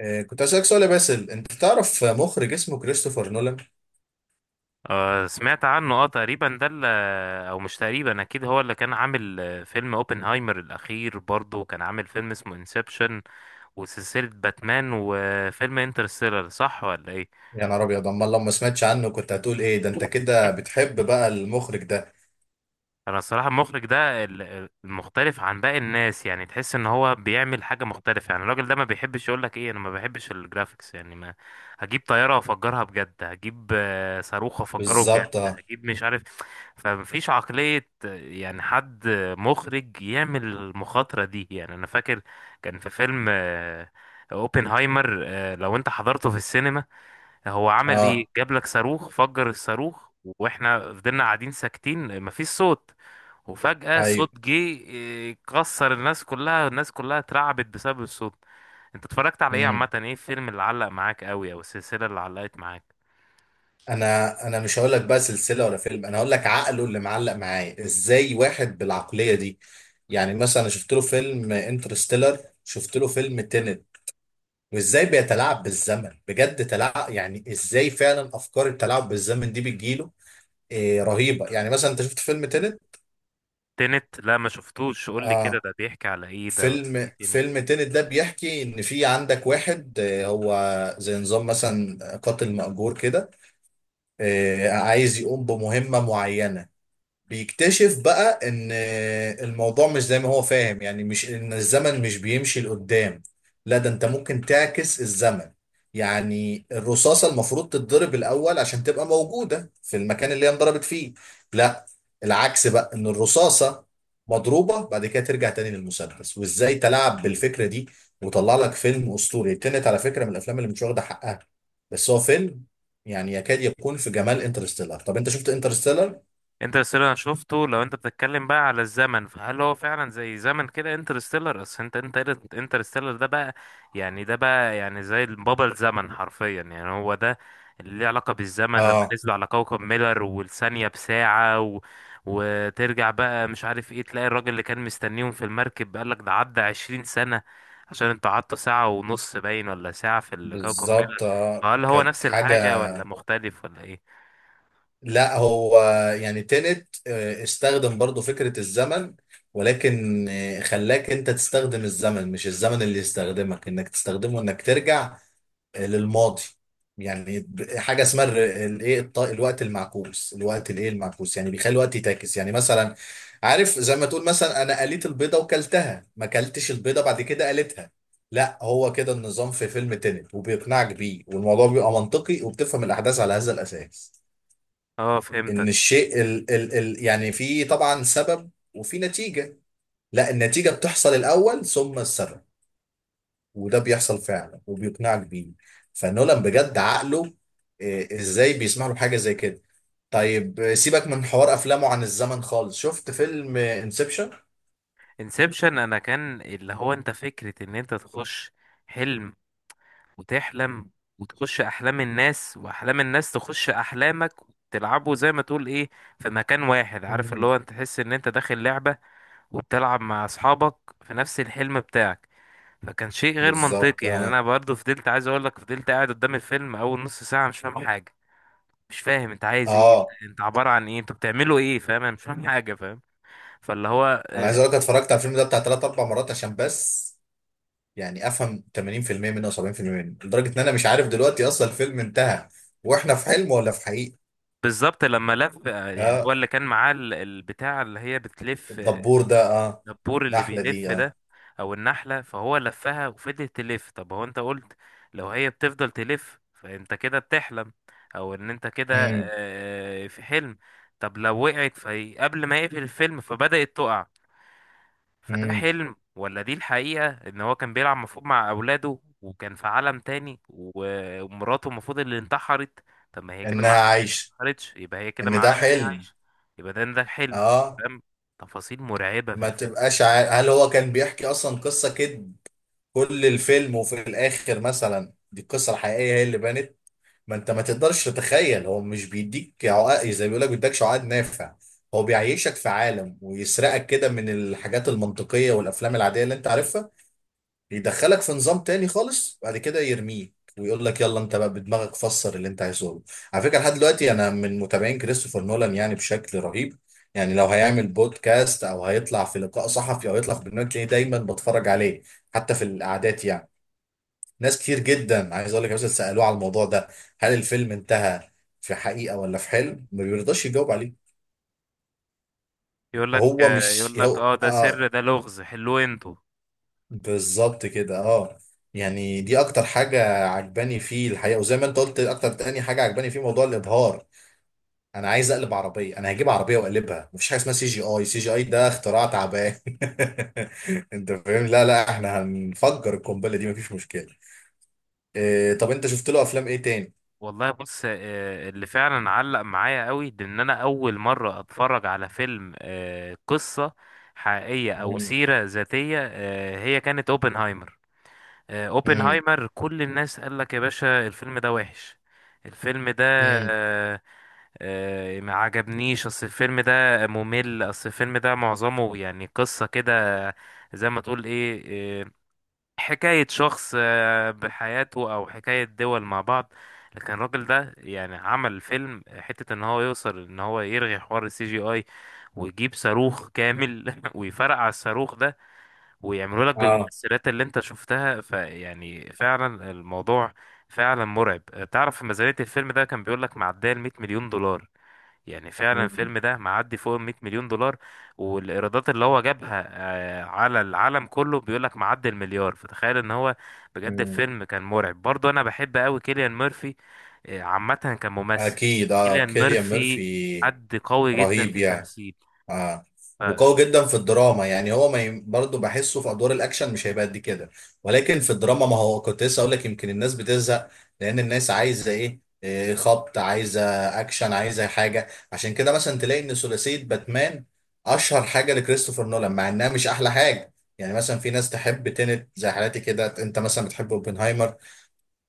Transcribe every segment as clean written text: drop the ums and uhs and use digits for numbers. كنت أسألك سؤال يا باسل، أنت تعرف مخرج اسمه كريستوفر نولان؟ سمعت عنه تقريبا ده اللي او مش تقريبا اكيد هو اللي كان عامل فيلم اوبنهايمر الاخير برضه، وكان عامل فيلم اسمه انسبشن وسلسلة باتمان وفيلم انترستيلر، صح ولا يا نهار أبيض، أمال لو ما سمعتش عنه كنت هتقول إيه؟ ده أنت كده ايه. بتحب بقى المخرج ده. انا الصراحه المخرج ده المختلف عن باقي الناس، يعني تحس ان هو بيعمل حاجه مختلفه. يعني الراجل ده ما بيحبش يقول لك ايه، انا ما بحبش الجرافيكس، يعني ما هجيب طياره وافجرها بجد، هجيب صاروخ وافجره بجد، بالظبط، أه. هجيب مش عارف. فمفيش عقليه يعني حد مخرج يعمل المخاطره دي. يعني انا فاكر كان في فيلم اوبنهايمر، لو انت حضرته في السينما، هو عمل ايه؟ آه، جاب لك صاروخ، فجر الصاروخ واحنا فضلنا قاعدين ساكتين مفيش صوت، وفجأة أيوه. صوت جه كسر الناس كلها، الناس كلها اترعبت بسبب الصوت. انت اتفرجت على ايه مم. عامة؟ ايه الفيلم اللي علق معاك قوي او السلسلة اللي علقت معاك؟ أنا مش هقول لك بقى سلسلة ولا فيلم، أنا هقول لك عقله اللي معلق معايا. إزاي واحد بالعقلية دي؟ يعني مثلا أنا شفت له فيلم انترستيلر، شفت له فيلم تينت. وإزاي بيتلاعب بالزمن، بجد تلاعب. يعني إزاي فعلا أفكار التلاعب بالزمن دي بتجيله؟ إيه رهيبة. يعني مثلا أنت شفت فيلم تينت؟ تنت لا ما شفتوش، قول لي كده اه. ده بيحكي على ايه، ده ولا فيلم ايه؟ فيلم تينت ده بيحكي ان في عندك واحد، هو زي نظام مثلا قاتل مأجور كده. عايز يقوم بمهمة معينة. بيكتشف بقى ان الموضوع مش زي ما هو فاهم. يعني مش ان الزمن مش بيمشي لقدام، لا، ده انت ممكن تعكس الزمن. يعني الرصاصة المفروض تتضرب الأول عشان تبقى موجودة في المكان اللي هي انضربت فيه. لا، العكس بقى، ان الرصاصة مضروبة بعد كده ترجع تاني للمسدس. وازاي تلعب بالفكرة دي وطلع لك فيلم أسطوري. تنت على فكرة من الأفلام اللي مش واخدة حقها. بس هو فيلم يعني يكاد يكون في جمال انترستيلر. طب انت شفت انترستيلر؟ انترستيلر انا شفته. لو انت بتتكلم بقى على الزمن، فهل هو فعلا زي زمن كده؟ انترستيلر اصل انت انترستيلر ده بقى يعني ده بقى يعني زي بابا الزمن حرفيا، يعني هو ده اللي ليه علاقة بالزمن. لما اه، نزلوا على كوكب ميلر والثانية بساعة وترجع بقى مش عارف ايه، تلاقي الراجل اللي كان مستنيهم في المركب قالك ده عدى عشرين سنة، عشان انتوا قعدتوا ساعة ونص باين ولا ساعة في الكوكب ميلر. بالظبط. فهل هو كانت نفس حاجة. الحاجة ولا مختلف ولا ايه؟ لا، هو يعني تنت استخدم برضو فكرة الزمن، ولكن خلاك انت تستخدم الزمن، مش الزمن اللي يستخدمك، انك تستخدمه انك ترجع للماضي. يعني حاجه اسمها الايه، الوقت المعكوس، الوقت الايه، المعكوس، يعني بيخلي الوقت يتاكس. يعني مثلا عارف زي ما تقول مثلا انا قليت البيضه وكلتها، ما كلتش البيضه بعد كده قليتها، لا هو كده النظام في فيلم تينت. وبيقنعك بيه والموضوع بيبقى منطقي، وبتفهم الاحداث على هذا الاساس. اه، ان فهمتك. الشيء ال يعني في طبعا سبب وفي نتيجه، لا النتيجه بتحصل الاول ثم السبب. وده بيحصل فعلا وبيقنعك بيه. فنولان بجد عقله ازاي بيسمح له حاجه زي كده. طيب سيبك من حوار افلامه عن الزمن خالص، شفت فيلم انسبشن؟ انسبشن انا كان اللي هو انت، فكرة ان انت تخش حلم وتحلم، وتخش احلام الناس واحلام الناس تخش احلامك، تلعبوا زي ما تقول ايه في مكان واحد. عارف اللي هو انت تحس ان انت داخل لعبة وبتلعب مع اصحابك في نفس الحلم بتاعك. فكان شيء غير بالظبط، منطقي. يعني اه. انا برضو فضلت عايز اقول لك فضلت قاعد قدام الفيلم اول نص ساعة مش فاهم حاجة، مش فاهم انت عايز ايه، اه، انت عبارة عن ايه، انتوا بتعملوا ايه، فاهم، انا مش فاهم حاجة، فاهم. فاللي هو انا عايز آه، اقول لك اتفرجت على الفيلم ده بتاع ثلاث اربع مرات عشان بس يعني افهم 80% منه او 70% منه. لدرجه ان انا مش عارف دلوقتي اصلا الفيلم انتهى واحنا في حلم ولا في حقيقه. بالظبط لما لف، يعني هو اه، اللي كان معاه البتاع اللي هي بتلف، الدبور ده، اه. الدبور اللي النحله دي، بيلف اه. ده او النحلة. فهو لفها وفضلت تلف. طب هو انت قلت لو هي بتفضل تلف فانت كده بتحلم او ان انت كده في حلم. طب لو وقعت فهي قبل ما يقفل الفيلم فبدأت تقع، فده امم، حلم ولا دي الحقيقة؟ ان هو كان بيلعب مفروض مع اولاده وكان في عالم تاني ومراته المفروض اللي انتحرت. طب ما هي كده انها معناها ان هي ما عايشه، انتحرتش، يبقى هي كده ان ده معناها ان هي حلم، عايشة. يبقى ده الحلم، اه. فاهم. تفاصيل مرعبة في ما الفيلم. تبقاش عارف هل هو كان بيحكي اصلا قصه كده كل الفيلم، وفي الاخر مثلا دي القصه الحقيقيه هي اللي بانت. ما انت ما تقدرش تتخيل، هو مش بيديك عقد، زي ما بيقول لك، بيديكش عقد نافع. هو بيعيشك في عالم ويسرقك كده من الحاجات المنطقيه والافلام العاديه اللي انت عارفها، يدخلك في نظام تاني خالص، بعد كده يرميك ويقول لك يلا انت بقى بدماغك فسر اللي انت عايزه. على فكره لحد دلوقتي انا من متابعين كريستوفر نولان يعني بشكل رهيب. يعني لو هيعمل بودكاست او هيطلع في لقاء صحفي او يطلع في برنامج تلاقيني دايما بتفرج عليه، حتى في القعدات يعني. ناس كتير جدا عايز اقول لك مثلا سالوه على الموضوع ده، هل الفيلم انتهى في حقيقه ولا في حلم؟ ما بيرضاش يجاوب عليه. يقول لك هو مش يقول لك هو اه ده سر، آه، ده لغز حلوه انتوا. بالظبط كده، اه. يعني دي اكتر حاجة عجباني فيه الحقيقة. وزي ما انت قلت اكتر تاني حاجة عجباني فيه موضوع الابهار. انا عايز اقلب عربية، انا هجيب عربية واقلبها، مفيش حاجة اسمها سي جي اي، سي جي اي ده اختراع تعبان. انت فاهم؟ لا لا، احنا هنفجر القنبلة دي مفيش مشكلة. إيه، طب انت شفت له افلام ايه تاني؟ والله بص، اللي فعلا علق معايا قوي ده ان انا اول مرة اتفرج على فيلم قصة حقيقية او مم. سيرة ذاتية، هي كانت اوبنهايمر. مم. اوبنهايمر كل الناس قال لك يا باشا الفيلم ده وحش، الفيلم ده مم. آه، ما عجبنيش. اصل الفيلم ده ممل، اصل الفيلم ده معظمه يعني قصة كده زي ما تقول ايه، آه، حكاية شخص بحياته او حكاية دول مع بعض. لكن الراجل ده يعني عمل فيلم حتة ان هو يوصل ان هو يرغي حوار السي جي اي، ويجيب صاروخ كامل ويفرقع الصاروخ ده ويعملوا لك اه. بالمؤثرات اللي انت شفتها. فيعني فعلا الموضوع فعلا مرعب. تعرف في ميزانية الفيلم ده كان بيقول لك معدية ال 100 مليون دولار، يعني فعلا مم. الفيلم ده معدي فوق ال 100 مليون دولار، والايرادات اللي هو جابها على العالم كله بيقول لك معدي المليار. فتخيل ان هو بجد مم. الفيلم كان مرعب برضه. انا بحب قوي كيليان ميرفي عامة كممثل. اكيد، اه، كيليان كيليان ميرفي ميرفي حد قوي جدا رهيب في يعني. التمثيل. آه. وقوي جدا في الدراما. يعني هو ما ي... برضه بحسه في ادوار الاكشن مش هيبقى قد كده، ولكن في الدراما ما هو كنت لسه اقول لك يمكن الناس بتزهق، لان الناس عايزه ايه، خبط، عايزه اكشن، عايزه حاجه. عشان كده مثلا تلاقي ان ثلاثيه باتمان اشهر حاجه لكريستوفر نولان، مع انها مش احلى حاجه. يعني مثلا في ناس تحب تينت زي حالاتي كده، انت مثلا بتحب اوبنهايمر،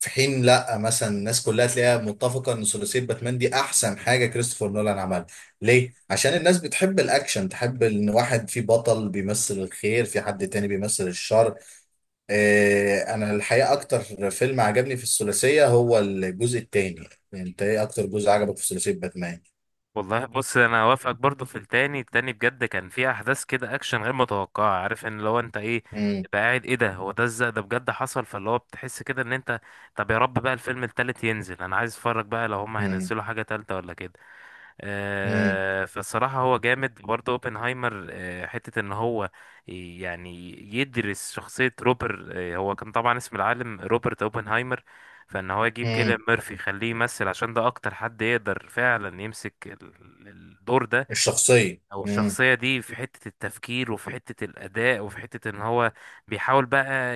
في حين لا مثلا الناس كلها تلاقيها متفقه ان ثلاثيه باتمان دي احسن حاجه كريستوفر نولان عملها. ليه؟ عشان الناس بتحب الاكشن، تحب ان واحد في بطل بيمثل الخير، في حد تاني بيمثل الشر. آه انا الحقيقه اكتر فيلم عجبني في الثلاثيه هو الجزء التاني. انت ايه اكتر جزء عجبك في ثلاثيه باتمان؟ والله بص انا اوافقك برضو في التاني. التاني بجد كان فيه احداث كده اكشن غير متوقعه، عارف ان لو انت ايه امم. تبقى قاعد ايه ده، هو ده ازاي ده بجد حصل. فاللي هو بتحس كده ان انت. طب يا رب بقى الفيلم التالت ينزل، انا عايز اتفرج بقى لو هما امم. هينزلوا حاجه تالته ولا كده. امم. فالصراحة هو جامد برضه اوبنهايمر، حتة ان هو يعني يدرس شخصية روبر، هو كان طبعا اسم العالم روبرت اوبنهايمر. فان هو يجيب كيليان امم. ميرفي يخليه يمثل عشان ده اكتر حد يقدر فعلا يمسك الدور ده الشخصيه، او امم. الشخصية دي، في حتة التفكير وفي حتة الأداء وفي حتة إن هو بيحاول بقى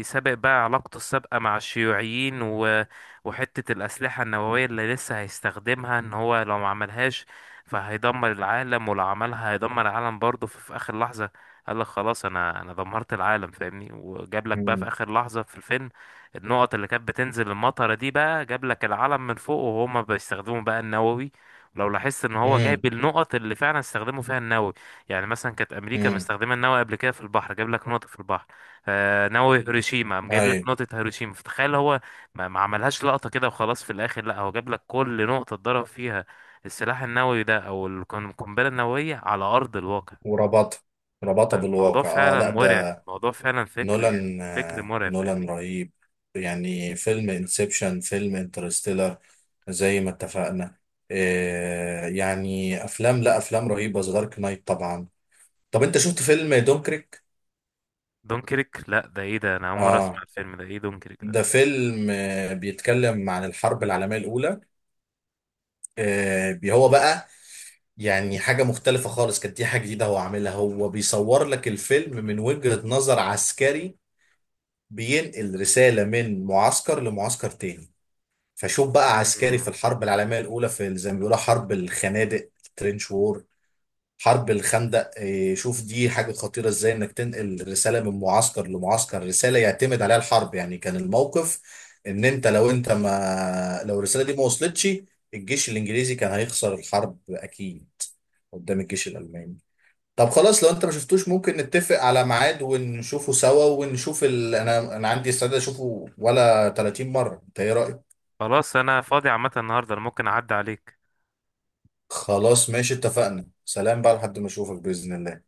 يسابق بقى علاقته السابقة مع الشيوعيين وحتة الأسلحة النووية اللي لسه هيستخدمها. إن هو لو ما عملهاش فهيدمر العالم، ولو عملها هيدمر العالم برضه. في آخر لحظة قال لك خلاص أنا دمرت العالم فاهمني. وجاب لك بقى في امم. آخر لحظة في الفيلم النقط اللي كانت بتنزل المطرة دي، بقى جاب لك العلم من فوق وهما بيستخدموا بقى النووي. لو لاحظت ان هو جايب امم. النقط اللي فعلا استخدموا فيها النووي، يعني مثلا كانت امريكا امم. مستخدمه النووي قبل كده في البحر، جايب لك نقطه في البحر. آه نووي هيروشيما، قام جايب لك ايوه. نقطه هيروشيما. فتخيل هو ما عملهاش لقطه كده وخلاص في الاخر، لا هو جاب لك كل نقطه اتضرب فيها السلاح النووي ده او القنبله النوويه على ارض الواقع. وربطها، ربطها الموضوع بالواقع، اه. فعلا لا ده مرعب، الموضوع فعلا فكر، يعني نولان، فكر مرعب نولان فاهمني. رهيب يعني. فيلم انسبشن، فيلم انترستيلر، زي ما اتفقنا، يعني افلام، لا افلام رهيبه. ذا دارك نايت طبعا. طب انت شفت فيلم دونكريك؟ دونكريك؟ لا ده ايه ده، انا اول مره اسمع اه، الفيلم ده، ايه دونكريك ده ده؟ فيلم بيتكلم عن الحرب العالميه الاولى. هو بقى يعني حاجه مختلفه خالص، كانت دي حاجه جديده هو عاملها. هو بيصور لك الفيلم من وجهه نظر عسكري بينقل رساله من معسكر لمعسكر تاني. فشوف بقى عسكري في مم. الحرب العالمية الأولى في زي ما بيقولوا حرب الخنادق، ترينش وور، حرب الخندق، شوف دي حاجة خطيرة ازاي، انك تنقل رسالة من معسكر لمعسكر، رسالة يعتمد عليها الحرب. يعني كان الموقف ان انت لو انت ما لو الرسالة دي ما وصلتش الجيش الانجليزي كان هيخسر الحرب اكيد قدام الجيش الالماني. طب خلاص لو انت ما شفتوش ممكن نتفق على ميعاد ونشوفه سوا، انا عندي استعداد اشوفه ولا 30 مرة، انت ايه رأيك؟ خلاص انا فاضي عامه النهارده، أنا ممكن اعدي عليك. خلاص ماشي، اتفقنا. سلام بقى لحد ما اشوفك بإذن الله.